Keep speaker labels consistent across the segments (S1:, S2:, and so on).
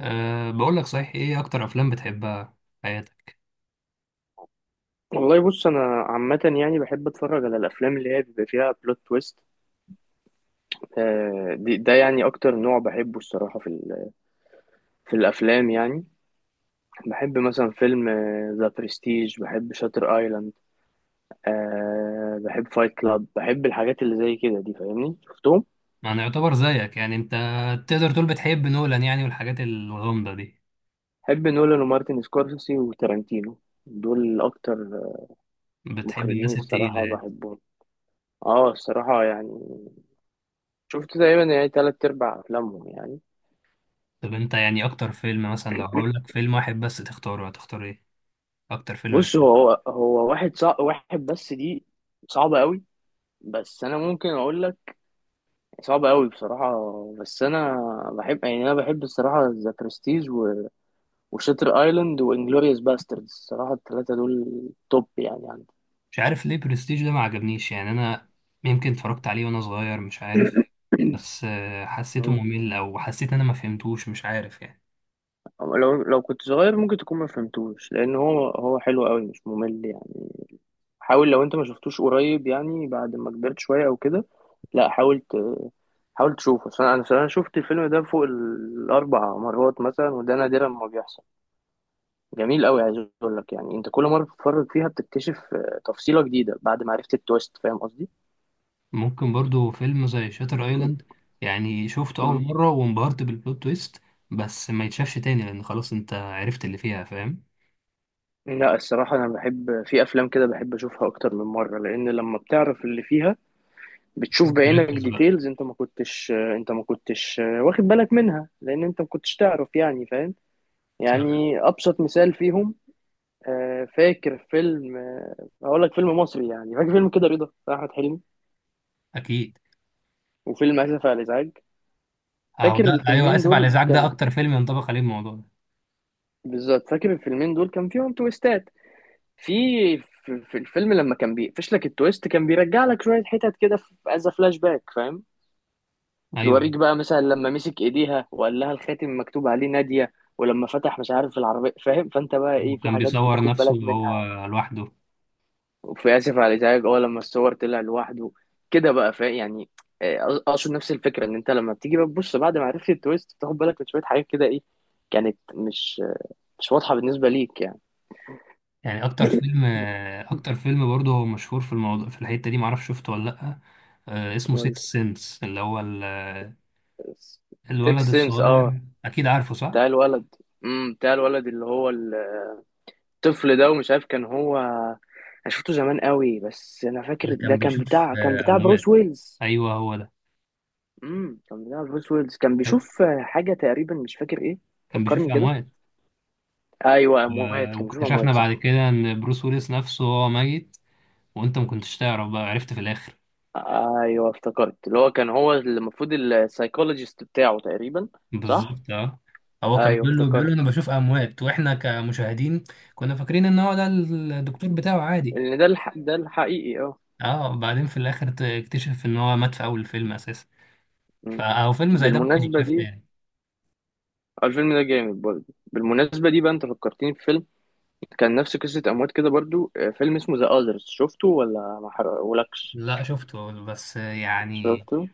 S1: أه، بقول لك، صحيح، ايه اكتر افلام بتحبها في حياتك؟
S2: والله بص انا عامه يعني بحب اتفرج على الافلام اللي هي بيبقى فيها بلوت تويست. ده يعني اكتر نوع بحبه الصراحه في الافلام يعني. بحب مثلا فيلم ذا برستيج، بحب شاتر ايلاند، بحب فايت كلاب، بحب الحاجات اللي زي كده دي، فاهمني شفتهم.
S1: يعني يعتبر زيك، يعني انت تقدر تقول بتحب نولان يعني والحاجات الغامضة دي؟
S2: بحب نولان ومارتن سكورسيزي وتارانتينو، دول اكتر
S1: بتحب
S2: مخرجين
S1: الناس التقيلة
S2: الصراحه
S1: يعني.
S2: بحبهم. اه الصراحه يعني شفت تقريبا يعني تلات ارباع افلامهم يعني.
S1: طب انت يعني اكتر فيلم، مثلا لو هقول لك فيلم واحد بس تختاره، هتختار ايه اكتر فيلم
S2: بص،
S1: بتحبه؟
S2: هو واحد صعب، واحد بس دي صعبة قوي. بس أنا ممكن أقول لك، صعبة قوي بصراحة. بس أنا بحب، يعني أنا بحب الصراحة، ذا برستيج و وشاتر أيلاند وإنجلوريوس باستردز. الصراحة التلاتة دول توب يعني عندي.
S1: مش عارف ليه برستيج ده ما عجبنيش يعني، انا يمكن اتفرجت عليه وانا صغير مش عارف، بس حسيته
S2: مم.
S1: ممل او حسيت ان انا ما فهمتوش، مش عارف يعني.
S2: لو كنت صغير ممكن تكون ما فهمتوش، لأن هو حلو قوي، مش ممل يعني. حاول، لو انت ما شفتوش قريب يعني، بعد ما كبرت شوية او كده. لا حاول ت- حاول تشوفه، أصل انا صراحة شفت الفيلم ده فوق الاربع مرات مثلا، وده نادرا ما بيحصل. جميل قوي. عايز اقول لك يعني، انت كل مرة بتتفرج فيها بتكتشف تفصيلة جديدة بعد ما عرفت التويست، فاهم قصدي.
S1: ممكن برضو فيلم زي شاتر ايلاند، يعني شفته اول
S2: مم.
S1: مرة وانبهرت بالبلوت تويست بس ما يتشافش تاني، لان خلاص انت عرفت اللي فيها، فاهم؟
S2: لا الصراحة أنا بحب في أفلام كده، بحب أشوفها أكتر من مرة، لأن لما بتعرف اللي فيها بتشوف بعينك
S1: تركز بقى.
S2: ديتيلز أنت ما كنتش واخد بالك منها، لأن أنت ما كنتش تعرف، يعني فاهم.
S1: صح.
S2: يعني ابسط مثال فيهم، فاكر فيلم، اقول لك فيلم مصري يعني، فاكر فيلم كده رضا بتاع احمد حلمي،
S1: اكيد.
S2: وفيلم اسف على الازعاج.
S1: اهو
S2: فاكر
S1: ده، ايوه،
S2: الفيلمين
S1: اسف على
S2: دول
S1: الازعاج ده
S2: كان،
S1: اكتر فيلم ينطبق عليه الموضوع ده.
S2: بالظبط فاكر الفيلمين دول كان فيهم تويستات. في، في الفيلم لما كان بيقفش لك التويست كان بيرجع لك شويه حتت كده في از فلاش باك، فاهم.
S1: ايوه،
S2: يوريك بقى مثلا لما مسك ايديها وقال لها الخاتم مكتوب عليه ناديه، ولما فتح مش عارف العربيه، فاهم؟ فانت بقى ايه، في
S1: وكان
S2: حاجات
S1: بيصور
S2: بتاخد
S1: نفسه
S2: بالك
S1: وهو
S2: منها.
S1: لوحده.
S2: وفي اسف على الازعاج اه، لما الصور طلع لوحده كده بقى، فاهم يعني. اقصد نفس الفكره، ان انت لما بتيجي بقى تبص بعد ما عرفت التويست بتاخد بالك من شويه حاجات كده، ايه كانت مش مش واضحه بالنسبه ليك يعني.
S1: يعني اكتر فيلم، اكتر فيلم برضه هو مشهور في الموضوع في الحتة دي، معرفش شفته ولا لا، اسمه
S2: قول لي.
S1: سيكس سنس، اللي هو الولد
S2: سيكس سنس اه،
S1: الصغير، اكيد عارفه صح؟
S2: بتاع الولد. بتاع الولد اللي هو الطفل ده، ومش عارف كان هو، انا شفته زمان قوي، بس انا فاكر
S1: اللي
S2: ده
S1: كان
S2: كان
S1: بيشوف
S2: بتاع، كان بتاع
S1: اموات.
S2: بروس ويلز.
S1: ايوه، هو ده،
S2: كان بتاع بروس ويلز، كان بيشوف حاجه تقريبا مش فاكر ايه.
S1: كان بيشوف
S2: فكرني كده.
S1: اموات.
S2: ايوه، اموات، كان بيشوف
S1: واكتشفنا
S2: اموات
S1: بعد
S2: صح.
S1: كده ان بروس ويلس نفسه هو ميت، وانت ما كنتش تعرف، بقى عرفت في الاخر.
S2: ايوه افتكرت، اللي هو كان هو المفروض السايكولوجيست بتاعه تقريبا. صح.
S1: بالظبط، اه. هو كان
S2: ايوه
S1: بيقول له، انا
S2: افتكرت
S1: بشوف اموات، واحنا كمشاهدين كنا فاكرين ان هو ده الدكتور بتاعه عادي.
S2: ان ده ده الحقيقي اه.
S1: اه، بعدين في الاخر تكتشف ان هو مات في اول الفيلم اساسا.
S2: مم.
S1: فهو فيلم زي ده ممكن
S2: بالمناسبه
S1: يتشاف
S2: دي،
S1: تاني.
S2: الفيلم ده جامد برضه. بالمناسبه دي بقى انت فكرتني في فيلم كان نفس قصه اموات كده برضه، فيلم اسمه ذا اذرز، شفته ولا ما حرقهولكش؟
S1: لا شفته، بس يعني
S2: شفته.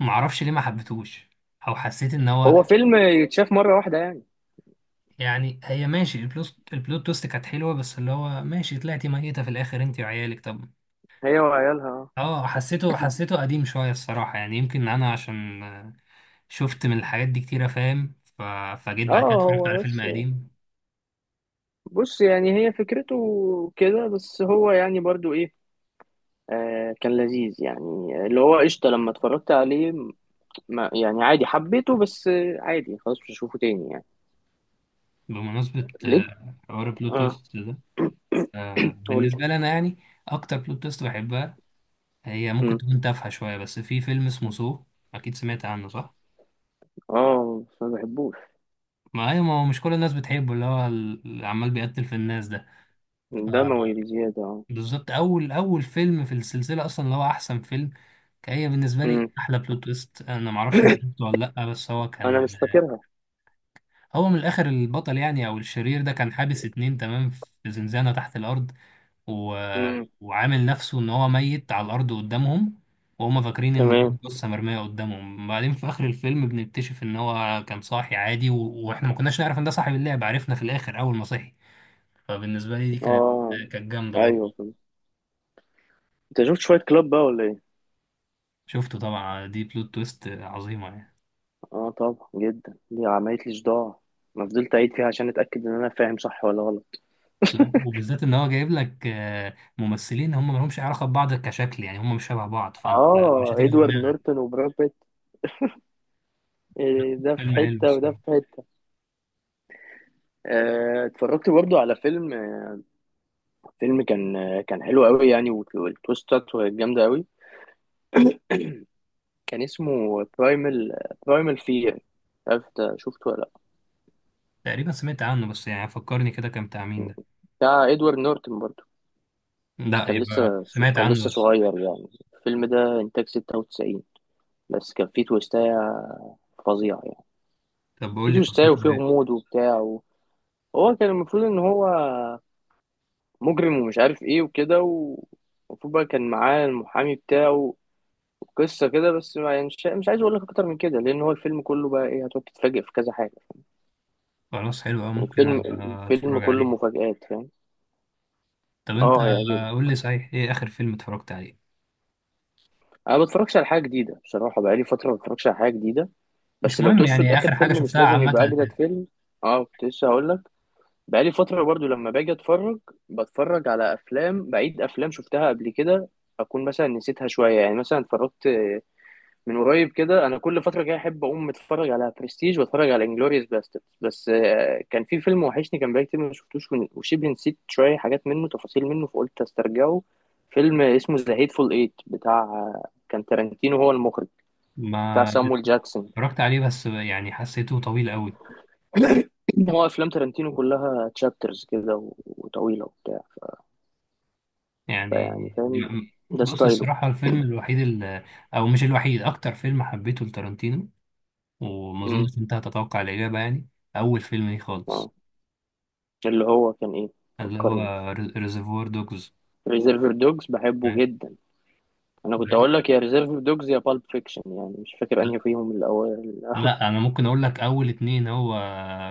S1: معرفش ليه ما حبيتهوش، او حسيت ان هو،
S2: هو فيلم يتشاف مره واحده يعني.
S1: يعني هي ماشي، البلوت تويست كانت حلوه، بس اللي هو ماشي، طلعتي ميته في الاخر انت وعيالك، طب.
S2: هي وعيالها.
S1: اه، حسيته حسيته قديم شويه الصراحه، يعني يمكن انا عشان شفت من الحاجات دي كتيره، فاهم؟ فجيت
S2: اه،
S1: بعد كده اتفرجت على
S2: هو
S1: فيلم
S2: بس،
S1: قديم.
S2: بص يعني هي فكرته كده بس، هو يعني برضو ايه، آه كان لذيذ يعني، اللي هو قشطة لما اتفرجت عليه، ما يعني عادي حبيته، بس عادي خلاص مش هشوفه تاني يعني.
S1: بمناسبه
S2: ليه؟
S1: حوار البلوت
S2: اه.
S1: تويست ده،
S2: قول لي.
S1: بالنسبه لي انا يعني، اكتر بلوت تويست بحبها هي ممكن
S2: مم.
S1: تكون تافهه شويه، بس في فيلم اسمه سو، اكيد سمعت عنه صح؟
S2: اه بس ما بحبوش.
S1: ما هي، ما هو مش كل الناس بتحبه، اللي هو اللي عمال بيقتل في الناس ده.
S2: دموي بزيادة اه.
S1: بالظبط، اول اول فيلم في السلسله اصلا، اللي هو احسن فيلم، كان هي بالنسبه لي
S2: مم.
S1: احلى بلوت تويست. انا ما اعرفش انت شفته ولا لا، بس هو
S2: انا
S1: كان،
S2: مش فاكرها.
S1: هو من الاخر، البطل يعني او الشرير ده كان حابس اتنين تمام في زنزانه تحت الارض و...
S2: مم.
S1: وعامل نفسه ان هو ميت على الارض قدامهم، وهم فاكرين ان دي
S2: تمام.
S1: قصه مرميه قدامهم. بعدين في اخر الفيلم بنكتشف ان هو كان صاحي عادي، واحنا ما كناش نعرف ان ده صاحب اللعبه، عرفنا في الاخر اول ما صحي. فبالنسبه لي دي كانت،
S2: اه.
S1: جامده
S2: ايوه
S1: برضه.
S2: فهمت. انت شفت شوية كلاب بقى ولا ايه؟
S1: شفته طبعا، دي بلوت تويست عظيمه يعني.
S2: اه طبعا، جدا، دي عملت لي صداع. انا فضلت اعيد فيها عشان اتاكد ان انا فاهم صح ولا غلط.
S1: لا، وبالذات ان هو جايب لك ممثلين هم مالهمش علاقه ببعض كشكل، يعني هم مش شبه بعض، فانت مش
S2: اه
S1: هتيجي في
S2: ادوارد
S1: دماغك.
S2: نورتون وبراد بيت. إيه ده في
S1: فيلم حلو
S2: حته وده في
S1: الصراحة.
S2: حته. اتفرجت برضو على فيلم، فيلم كان كان حلو قوي يعني، والتويستات جامدة قوي. كان اسمه برايمال، برايمال فير. عارف ده شفته ولا
S1: تقريبا سمعت عنه، بس يعني فكرني كده، كان بتاع مين
S2: لا؟
S1: ده؟
S2: بتاع ادوارد نورتن برضو. بس
S1: لا،
S2: كان
S1: يبقى
S2: لسه
S1: سمعت
S2: كان
S1: عنه
S2: لسه
S1: بس.
S2: صغير يعني. الفيلم ده انتاج 96، بس كان فيه تويستاية فظيعة يعني.
S1: طب بقول
S2: فيه
S1: لي قصته
S2: تويستاية وفيه
S1: ايه؟
S2: غموض وبتاع هو كان المفروض ان هو مجرم، ومش عارف ايه وكده، ومفروض بقى كان معاه المحامي بتاعه. قصة كده، بس ما يعني، مش عايز اقول لك اكتر من كده، لان هو الفيلم كله بقى ايه، هتقعد تتفاجئ في كذا حاجة.
S1: خلاص، حلو قوي،
S2: يعني
S1: ممكن
S2: الفيلم
S1: أبقى
S2: الفيلم
S1: اتفرج
S2: كله
S1: عليه.
S2: مفاجآت، فاهم.
S1: طب انت،
S2: اه هيعجبك.
S1: قول لي، صحيح، ايه اخر فيلم اتفرجت عليه؟
S2: انا ما بتفرجش على حاجة جديدة بصراحة، بقالي فترة ما بتفرجش على حاجة جديدة. بس
S1: مش
S2: لو
S1: مهم،
S2: تقصد
S1: يعني
S2: اخر
S1: اخر حاجه
S2: فيلم، مش
S1: شفتها
S2: لازم
S1: عامه
S2: يبقى اجدد
S1: يعني.
S2: فيلم. اه كنت لسه هقول لك، بقالي فترة برضو لما باجي اتفرج بتفرج على افلام بعيد، افلام شفتها قبل كده، اكون مثلا نسيتها شوية يعني. مثلا اتفرجت من قريب كده، انا كل فتره كده احب اقوم اتفرج على برستيج واتفرج على انجلوريوس باسترد، بس كان في فيلم وحشني، كان بقالي كتير ما شفتوش، وشبه نسيت شويه حاجات منه، تفاصيل منه، فقلت استرجعه. فيلم اسمه ذا هيتفول ايت بتاع، كان تارانتينو هو المخرج، بتاع
S1: ما
S2: سامويل جاكسون.
S1: اتفرجت عليه، بس يعني حسيته طويل قوي
S2: هو افلام تارانتينو كلها تشابترز كده وطويله وبتاع
S1: يعني.
S2: فيعني فاهم،
S1: م- م-
S2: ده
S1: بص،
S2: ستايله.
S1: الصراحة الفيلم الوحيد، أو مش الوحيد، أكتر فيلم حبيته لتارانتينو، وما
S2: امم
S1: أظنش أنت هتتوقع الإجابة يعني. أول فيلم ليه خالص،
S2: اه، اللي هو كان ايه،
S1: اللي هو
S2: فكرني.
S1: ريزرفوار دوجز.
S2: ريزيرفر دوجز بحبه جدا. انا كنت اقول لك يا ريزيرف دوجز يا بالب فيكشن، يعني مش فاكر انهي فيهم الاول.
S1: لا، أنا ممكن أقول لك أول اتنين، هو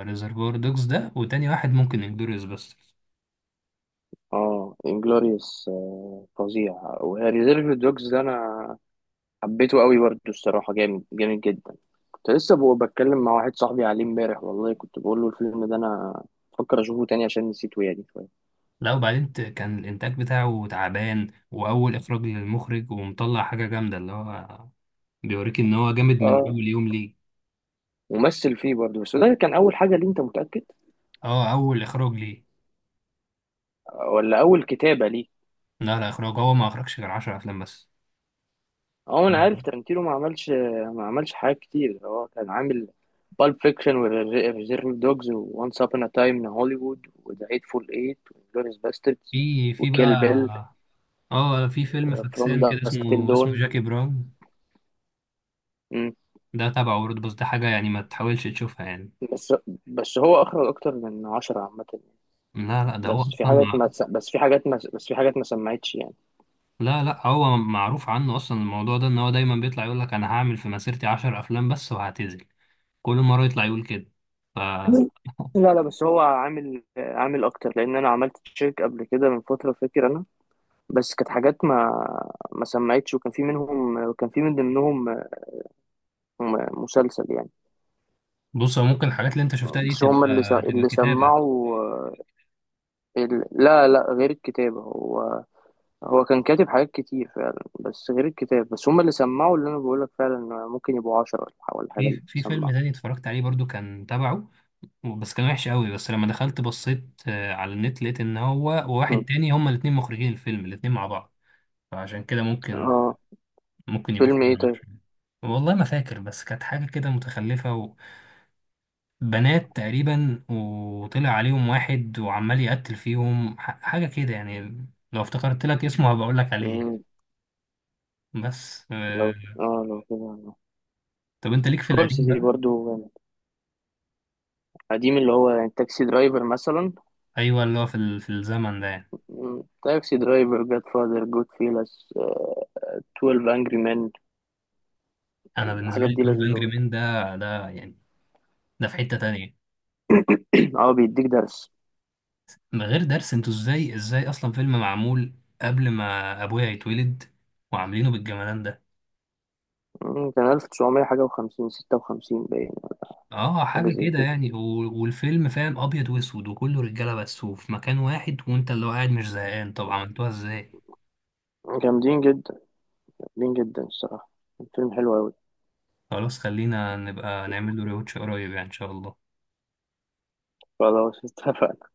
S1: ريزرفوار دوجز ده، وتاني واحد ممكن انجلوريوس باسترز.
S2: اه انجلوريوس فظيع، وهي ريزيرف دوجز ده انا حبيته قوي برضه الصراحه، جامد جامد جدا. كنت لسه بتكلم مع واحد صاحبي عليه امبارح، والله كنت بقول له الفيلم ده انا بفكر اشوفه تاني عشان نسيته يعني شويه.
S1: لا، وبعدين كان الإنتاج بتاعه تعبان، وأول إخراج للمخرج، ومطلع حاجة جامدة، اللي هو بيوريك إن هو جامد من
S2: اه،
S1: أول يوم ليه.
S2: ومثل فيه برضه، بس ده كان اول حاجه ليه انت متاكد؟
S1: اه، أول إخراج ليه.
S2: ولا اول كتابه ليه؟
S1: لا لا، اخراج، هو ما اخرجش غير 10 افلام بس.
S2: هو انا عارف
S1: مم.
S2: ترنتينو ما عملش ما عملش حاجات كتير. هو كان عامل بالب فيكشن وريزيرف دوجز وانس ابون ا تايم ان هوليوود وذا هيتفول ايت وجلوريس باستردز
S1: في
S2: وكيل بيل
S1: بقى، اه، في فيلم
S2: وفروم
S1: فاكسان كده
S2: داسك تيل
S1: اسمه،
S2: دون.
S1: اسمه جاكي براون.
S2: مم.
S1: ده تبعه برضه، بس ده حاجة يعني ما تحاولش تشوفها يعني.
S2: بس بس هو اخرج اكتر من 10 عامة يعني.
S1: لا لا، ده هو
S2: بس في
S1: اصلا
S2: حاجات ما تس- بس في حاجات ما بس في حاجات ما سمعتش يعني.
S1: لا لا، هو معروف عنه اصلا الموضوع ده، ان هو دايما بيطلع يقول لك انا هعمل في مسيرتي 10 افلام بس وهعتزل، كل مرة يطلع يقول كده. ف
S2: لا لا، بس هو عامل اكتر، لان انا عملت تشيك قبل كده من فترة فاكر. بس كانت حاجات ما سمعتش، وكان في منهم، وكان في من ضمنهم مسلسل يعني.
S1: بص، هو ممكن الحاجات اللي انت شفتها دي
S2: بس
S1: تبقى،
S2: هم اللي س- اللي
S1: كتابة.
S2: سمعوا لا لا، غير الكتابة، هو هو كان كاتب حاجات كتير فعلا، بس غير الكتاب بس هم اللي سمعوا اللي انا بقولك، فعلا ممكن يبقوا 10 ولا ولا حاجة
S1: في
S2: اللي
S1: في فيلم
S2: سمعوا.
S1: تاني اتفرجت عليه برضو كان تبعه، بس كان وحش قوي. بس لما دخلت بصيت على النت، لقيت ان هو
S2: مم.
S1: وواحد تاني هما الاتنين مخرجين الفيلم، الاتنين مع بعض، فعشان كده ممكن،
S2: اه.
S1: يبقوا
S2: فيلم ايه
S1: فيلم
S2: طيب؟
S1: عشان. والله ما فاكر، بس كانت حاجة كده متخلفة، وبنات تقريبا، وطلع عليهم واحد وعمال يقتل فيهم، حاجة كده يعني، لو افتكرت لك اسمه هبقى اقول لك عليه.
S2: مم.
S1: بس
S2: لو كده.
S1: طب انت ليك في القديم
S2: سكورسيزي
S1: بقى.
S2: برضو جامد. قديم اللي هو يعني تاكسي درايفر مثلا.
S1: ايوه، اللي هو في في الزمن ده يعني.
S2: مم. تاكسي درايفر، جاد فاذر، جود فيلس، 12 انجري مان.
S1: انا بالنسبة
S2: الحاجات
S1: لي
S2: دي
S1: 12
S2: لذيذة
S1: انجري
S2: برضه.
S1: مين ده، يعني ده في حتة تانية،
S2: اه بيديك درس.
S1: من غير درس. انتوا ازاي، ازاي اصلا فيلم معمول قبل ما ابويا يتولد، وعاملينه بالجمدان ده؟
S2: مم، كان 1900 حاجة وخمسين، ستة وخمسين باين.
S1: اه،
S2: حاجة
S1: حاجه
S2: زي
S1: كده
S2: كده.
S1: يعني، والفيلم فاهم ابيض واسود، وكله رجاله بس، وفي مكان واحد، وانت اللي هو قاعد مش زهقان، طب عملتوها ازاي؟
S2: جامدين جدا. جامدين جدا الصراحة. الفيلم حلو أوي.
S1: خلاص، خلينا نبقى نعمل له ريوتش قريب يعني ان شاء الله.
S2: فلو